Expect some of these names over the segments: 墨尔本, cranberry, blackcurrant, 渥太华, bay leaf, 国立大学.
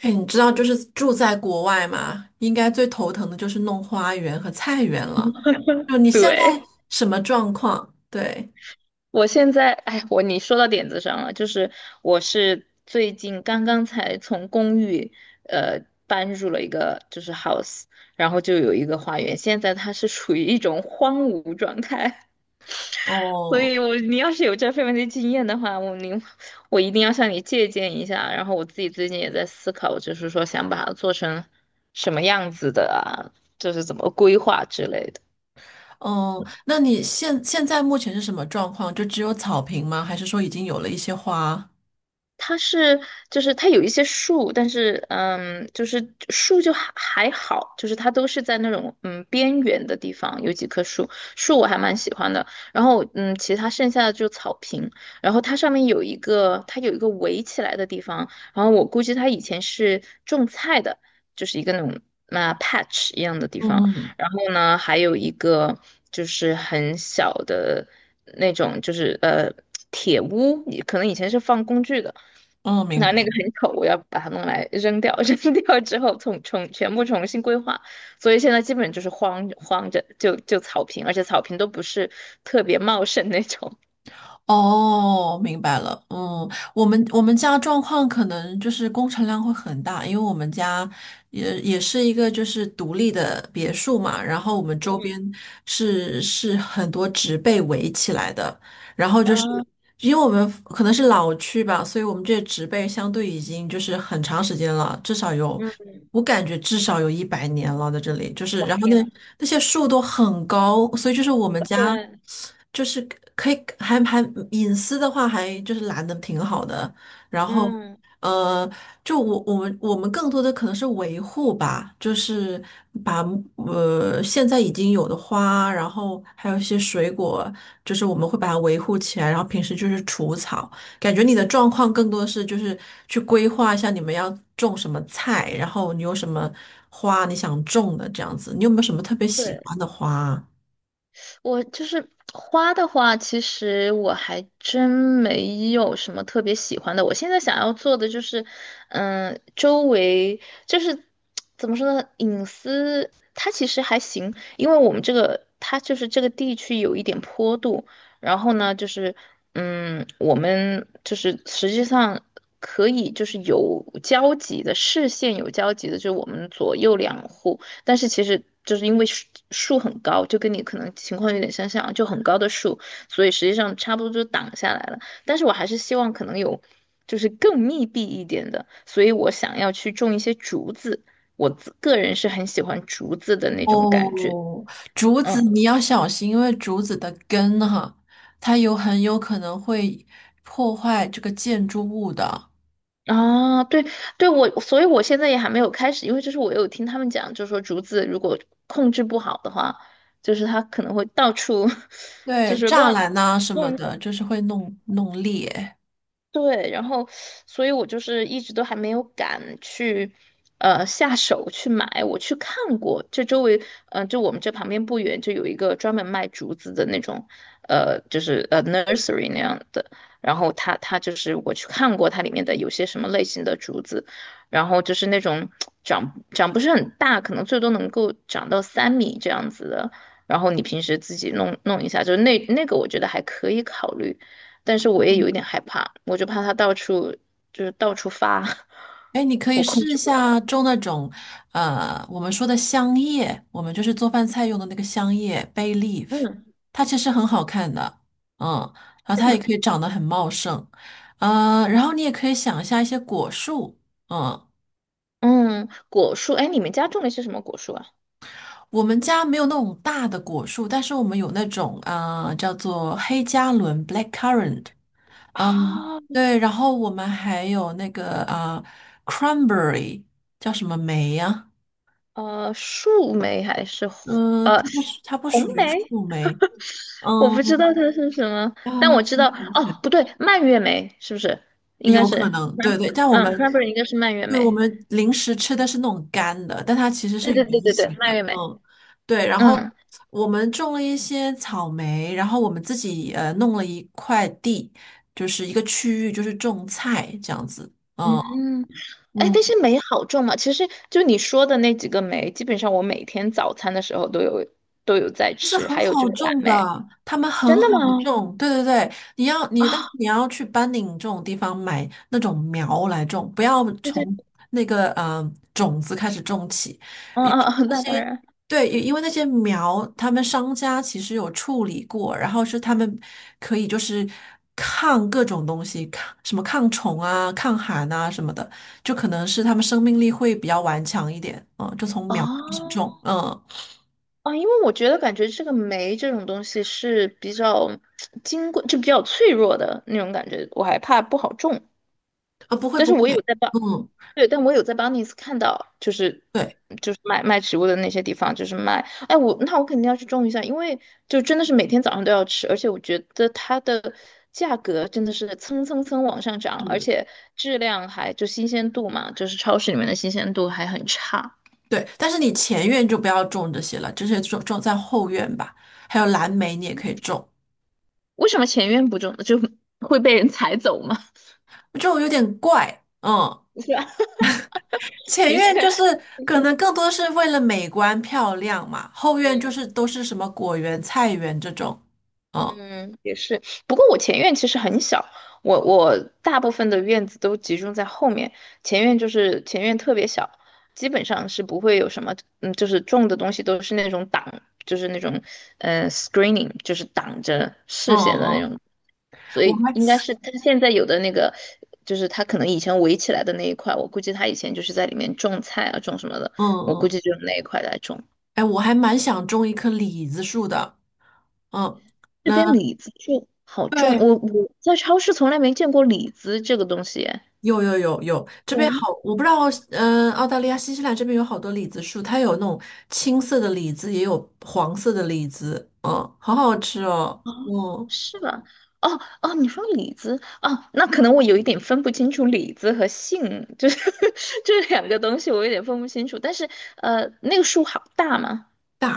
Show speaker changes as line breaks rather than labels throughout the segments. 哎，你知道就是住在国外嘛，应该最头疼的就是弄花园和菜园了。就你现在
对，
什么状况？对，
我现在，哎，你说到点子上了，就是我是最近刚刚才从公寓，搬入了一个就是 house，然后就有一个花园，现在它是处于一种荒芜状态。所
哦，
以你要是有这方面的经验的话，我一定要向你借鉴一下，然后我自己最近也在思考，就是说想把它做成什么样子的啊，就是怎么规划之类的。
哦，那你现在目前是什么状况？就只有草坪吗？还是说已经有了一些花？
它是就是它有一些树，但是就是树就还好，就是它都是在那种边缘的地方有几棵树，树我还蛮喜欢的。然后其他剩下的就草坪，然后它上面有一个围起来的地方，然后我估计它以前是种菜的，就是一个那种 patch 一样的地
嗯
方。
嗯，
然后呢，还有一个就是很小的那种，就是铁屋，可能以前是放工具的。
哦，明
那
白。
那个很丑，我要把它弄来扔掉，扔掉之后全部重新规划，所以现在基本就是荒着就草坪，而且草坪都不是特别茂盛那种。
哦，明白了。嗯，我们家状况可能就是工程量会很大，因为我们家也是一个就是独立的别墅嘛，然后我们周边
嗯，
是很多植被围起来的，然后就是。
啊，
因为我们可能是老区吧，所以我们这些植被相对已经就是很长时间了，至少有，
嗯，
我感觉至少有100年了，在这里就是，
哇，
然后那
天呐。
那些树都很高，所以就是我们家
对，
就是可以还隐私的话还就是拦的挺好的，然后，
嗯。
呃，就我们更多的可能是维护吧，就是把现在已经有的花，然后还有一些水果，就是我们会把它维护起来，然后平时就是除草。感觉你的状况更多的是就是去规划一下你们要种什么菜，然后你有什么花你想种的这样子。你有没有什么特别喜
对。
欢的花啊
我就是花的话，其实我还真没有什么特别喜欢的。我现在想要做的就是，周围就是怎么说呢，隐私它其实还行，因为我们这个它就是这个地区有一点坡度，然后呢，就是我们就是实际上。可以，就是有交集的视线有交集的，就是我们左右两户，但是其实就是因为树很高，就跟你可能情况有点相像啊，就很高的树，所以实际上差不多就挡下来了。但是我还是希望可能有就是更密闭一点的，所以我想要去种一些竹子。我自个人是很喜欢竹子的那种感觉。
哦，竹
嗯，
子你要小心，因为竹子的根哈，它有很有可能会破坏这个建筑物的，
啊，对对，所以我现在也还没有开始，因为就是我有听他们讲，就是说竹子如果控制不好的话，就是它可能会到处。 就
对，
是
栅
乱
栏呐、什么
乱
的，就是会弄裂。
对，然后，所以我就是一直都还没有敢去，下手去买。我去看过，这周围，就我们这旁边不远就有一个专门卖竹子的那种，就是nursery 那样的。然后它就是我去看过它里面的有些什么类型的竹子，然后就是那种长不是很大，可能最多能够长到3米这样子的。然后你平时自己弄弄一下，就是那个我觉得还可以考虑。但是我也有一点害怕，我就怕它到处就是到处发。
哎，你可以
我控
试一
制不了。
下种那种，我们说的香叶，我们就是做饭菜用的那个香叶 bay leaf，
嗯，
它其实很好看的，嗯，然后
是
它也
吗？
可以长得很茂盛，嗯，然后你也可以想一下一些果树，嗯。
嗯，果树，哎，你们家种的是什么果树啊？
我们家没有那种大的果树，但是我们有那种啊叫做黑加仑 （blackcurrant），嗯，
啊，
对，然后我们还有那个啊 cranberry，叫什么梅呀、
树莓还是
嗯、
呃
它不是它不属
红
于
莓？
树莓，
我不知
嗯
道它是什么，但
啊，
我知道哦，不对，蔓越莓是不是？应该
有可
是。
能，对对，但我
嗯， c
们
r a n b e r r y 应该是蔓越
对我
莓。
们零食吃的是那种干的，但它其实
对
是
对
圆
对对对，
形的，
蔓越莓。
嗯，对。然后
嗯。
我们种了一些草莓，然后我们自己弄了一块地，就是一个区域，就是种菜这样子，嗯
嗯，哎，但
嗯。
是酶好种吗？其实就你说的那几个酶，基本上我每天早餐的时候都有在
是
吃，
很
还有就
好
是蓝
种
莓。
的，他们很
真
好
的吗？
种。对对对，你要你，但是
啊、
你要去班宁这种地方买那种苗来种，不要
对对，
从那个种子开始种起。
嗯
尤
嗯
其
嗯，
那
那当
些
然。
对，因为那些苗，他们商家其实有处理过，然后是他们可以就是抗各种东西，抗什么抗虫啊、抗寒啊什么的，就可能是他们生命力会比较顽强一点。嗯，就从苗开始
哦
种。嗯，
哦，因为我觉得感觉这个酶这种东西是比较 金贵，就比较脆弱的那种感觉，我还怕不好种。
啊，不会
但
不
是
会。
我有在帮，
嗯，
对，但我有在 b 尼斯看到，就是
对，
就是卖植物的那些地方，就是卖。哎，我肯定要去种一下，因为就真的是每天早上都要吃，而且我觉得它的价格真的是蹭蹭蹭往上涨，而
嗯，
且质量还就新鲜度嘛，就是超市里面的新鲜度还很差。
对，但是你前院就不要种这些了，这些种在后院吧。还有蓝莓，你也可以种，
为什么前院不种就会被人 踩走吗？
就有点怪，嗯。
是吧？
前
的
院
确。
就是可能更多是为了美观漂亮嘛，后院就
嗯，
是都是什么果园、菜园这种，嗯
嗯，也是。不过我前院其实很小，我大部分的院子都集中在后面，前院特别小，基本上是不会有什么，嗯，就是种的东西都是那种挡，就是那种screening，就是挡着
嗯
视线的那
嗯，
种，所
我
以
还
应该是他现在有的那个，就是他可能以前围起来的那一块，我估计他以前就是在里面种菜啊，种什么的，
嗯
我估
嗯，
计就是那一块来种。
哎，我还蛮想种一棵李子树的，嗯，
这
那
边李子就好种，
对。
我在超市从来没见过李子这个东西。
有有有有，这
有
边
吗？
好，我不知道，嗯、澳大利亚、新西兰这边有好多李子树，它有那种青色的李子，也有黄色的李子，嗯，好好吃哦，嗯，
是吧？哦哦，你说李子哦，那可能我有一点分不清楚李子和杏，就是 这两个东西，我有点分不清楚。但是那个树好大嘛，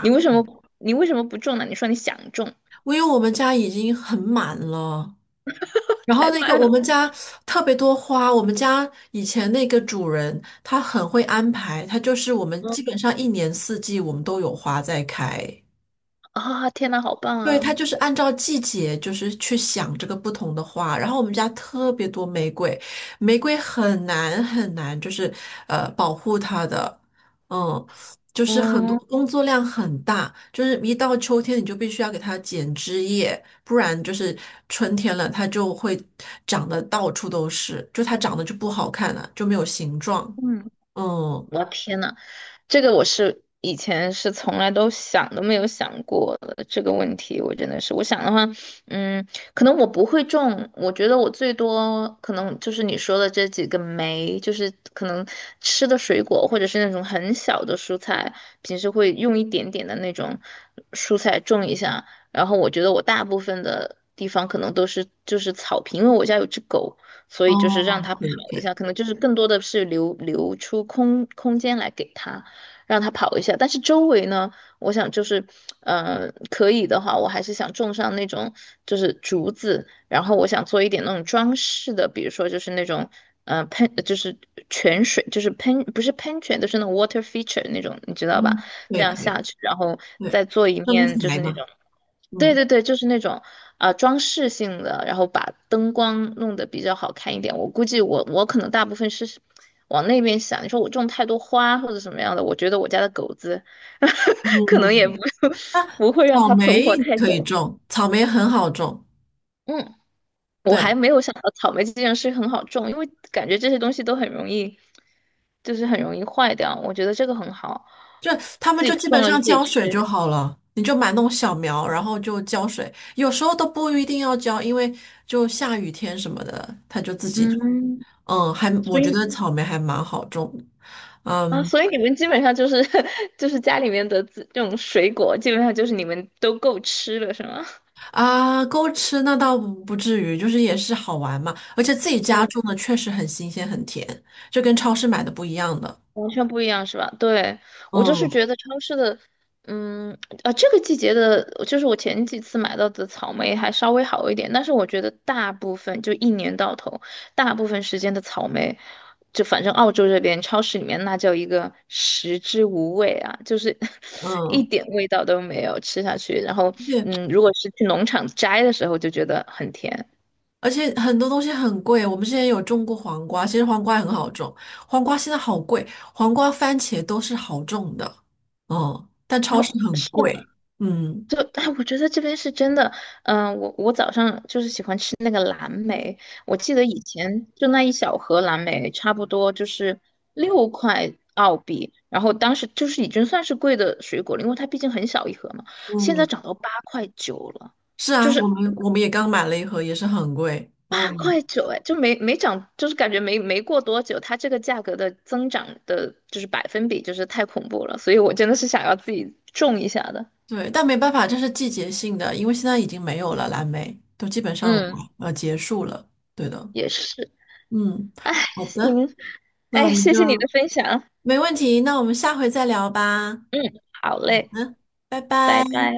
你为什么你为什么不种呢？你说你想种，
因为我们家已经很满了，然后
太
那个
慢
我们
了。
家特别多花，我们家以前那个主人他很会安排，他就是我们基本
嗯，
上一年四季我们都有花在开，
啊、天呐，好棒
对，它
啊！
就是按照季节，就是去想这个不同的花。然后我们家特别多玫瑰，玫瑰很难很难，就是保护它的，嗯，就是很多
哦，
工作量很大，就是一到秋天你就必须要给它剪枝叶，不然就是春天了它就会长得到处都是，就它长得就不好看了，就没有形状。
嗯，
嗯，
我的天呐，这个我是以前是从来都想都没有想过的这个问题，我真的是，我想的话，嗯，可能我不会种。我觉得我最多可能就是你说的这几个酶，就是可能吃的水果或者是那种很小的蔬菜，平时会用一点点的那种蔬菜种一下，然后我觉得我大部分的地方可能都是就是草坪，因为我家有只狗。所以就是让
哦，
它跑
可以可
一
以，
下，可能就是更多的是留出空间来给它。让它跑一下。但是周围呢，我想就是，可以的话，我还是想种上那种就是竹子，然后我想做一点那种装饰的，比如说就是那种，就是泉水，就是喷不是喷泉，就是那种 water feature 那种，你知道吧？
嗯，
这
对
样
可
下
以，
去，然后
对，
再做一
身
面就
材
是那
嘛，
种。对
嗯
对对，就是那种装饰性的，然后把灯光弄得比较好看一点。我估计我可能大部分是往那边想。你说我种太多花或者什么样的，我觉得我家的狗子 可能也不
嗯。啊，
不会让
草
它存活
莓
太
可以
久。
种，草莓很好种，
嗯，我还
对，
没有想到草莓这件事很好种，因为感觉这些东西都很容易，就是很容易坏掉。我觉得这个很好，
就他们
自己
就基
种
本
了自
上
己
浇水就
吃。
好了，你就买那种小苗，然后就浇水，有时候都不一定要浇，因为就下雨天什么的，它就自己种
嗯，
嗯，还我
所
觉
以
得草莓还蛮好种的
啊，
嗯
所以你们基本上就是 就是家里面的这种水果，基本上就是你们都够吃了，是吗？
啊，够吃那倒不至于，就是也是好玩嘛，而且自己家 种的确实很新鲜很甜，就跟超市买的不一样的。
完全不一样是吧？对，我就是
嗯
觉得超市的，嗯，这个季节的，就是我前几次买到的草莓还稍微好一点，但是我觉得大部分就一年到头，大部分时间的草莓，就反正澳洲这边超市里面那叫一个食之无味啊，就是 一
嗯，
点味道都没有，吃下去，然后
而且
如果是去农场摘的时候就觉得很甜，
而且很多东西很贵，我们之前有种过黄瓜，其实黄瓜也很好种，黄瓜现在好贵，黄瓜、番茄都是好种的，嗯，但
然
超市
后
很
是
贵，嗯，
就哎，我觉得这边是真的，嗯、我早上就是喜欢吃那个蓝莓，我记得以前就那一小盒蓝莓，差不多就是6块澳币，然后当时就是已经算是贵的水果了，因为它毕竟很小一盒嘛，现在
嗯，
涨到八块九了，
是
就
啊，我
是
们我们也刚买了一盒，也是很贵，
八
嗯，
块九，哎，就没涨，就是感觉没过多久，它这个价格的增长的就是百分比就是太恐怖了，所以我真的是想要自己种一下的，
对，但没办法，这是季节性的，因为现在已经没有了蓝莓，都基本上
嗯，
结束了，对的，
也是，
嗯，
哎，
好的，
行，
那我
哎，
们
谢
就
谢你的分享。
没问题，那我们下回再聊吧，好
嗯，好嘞，
的，拜
拜
拜。
拜。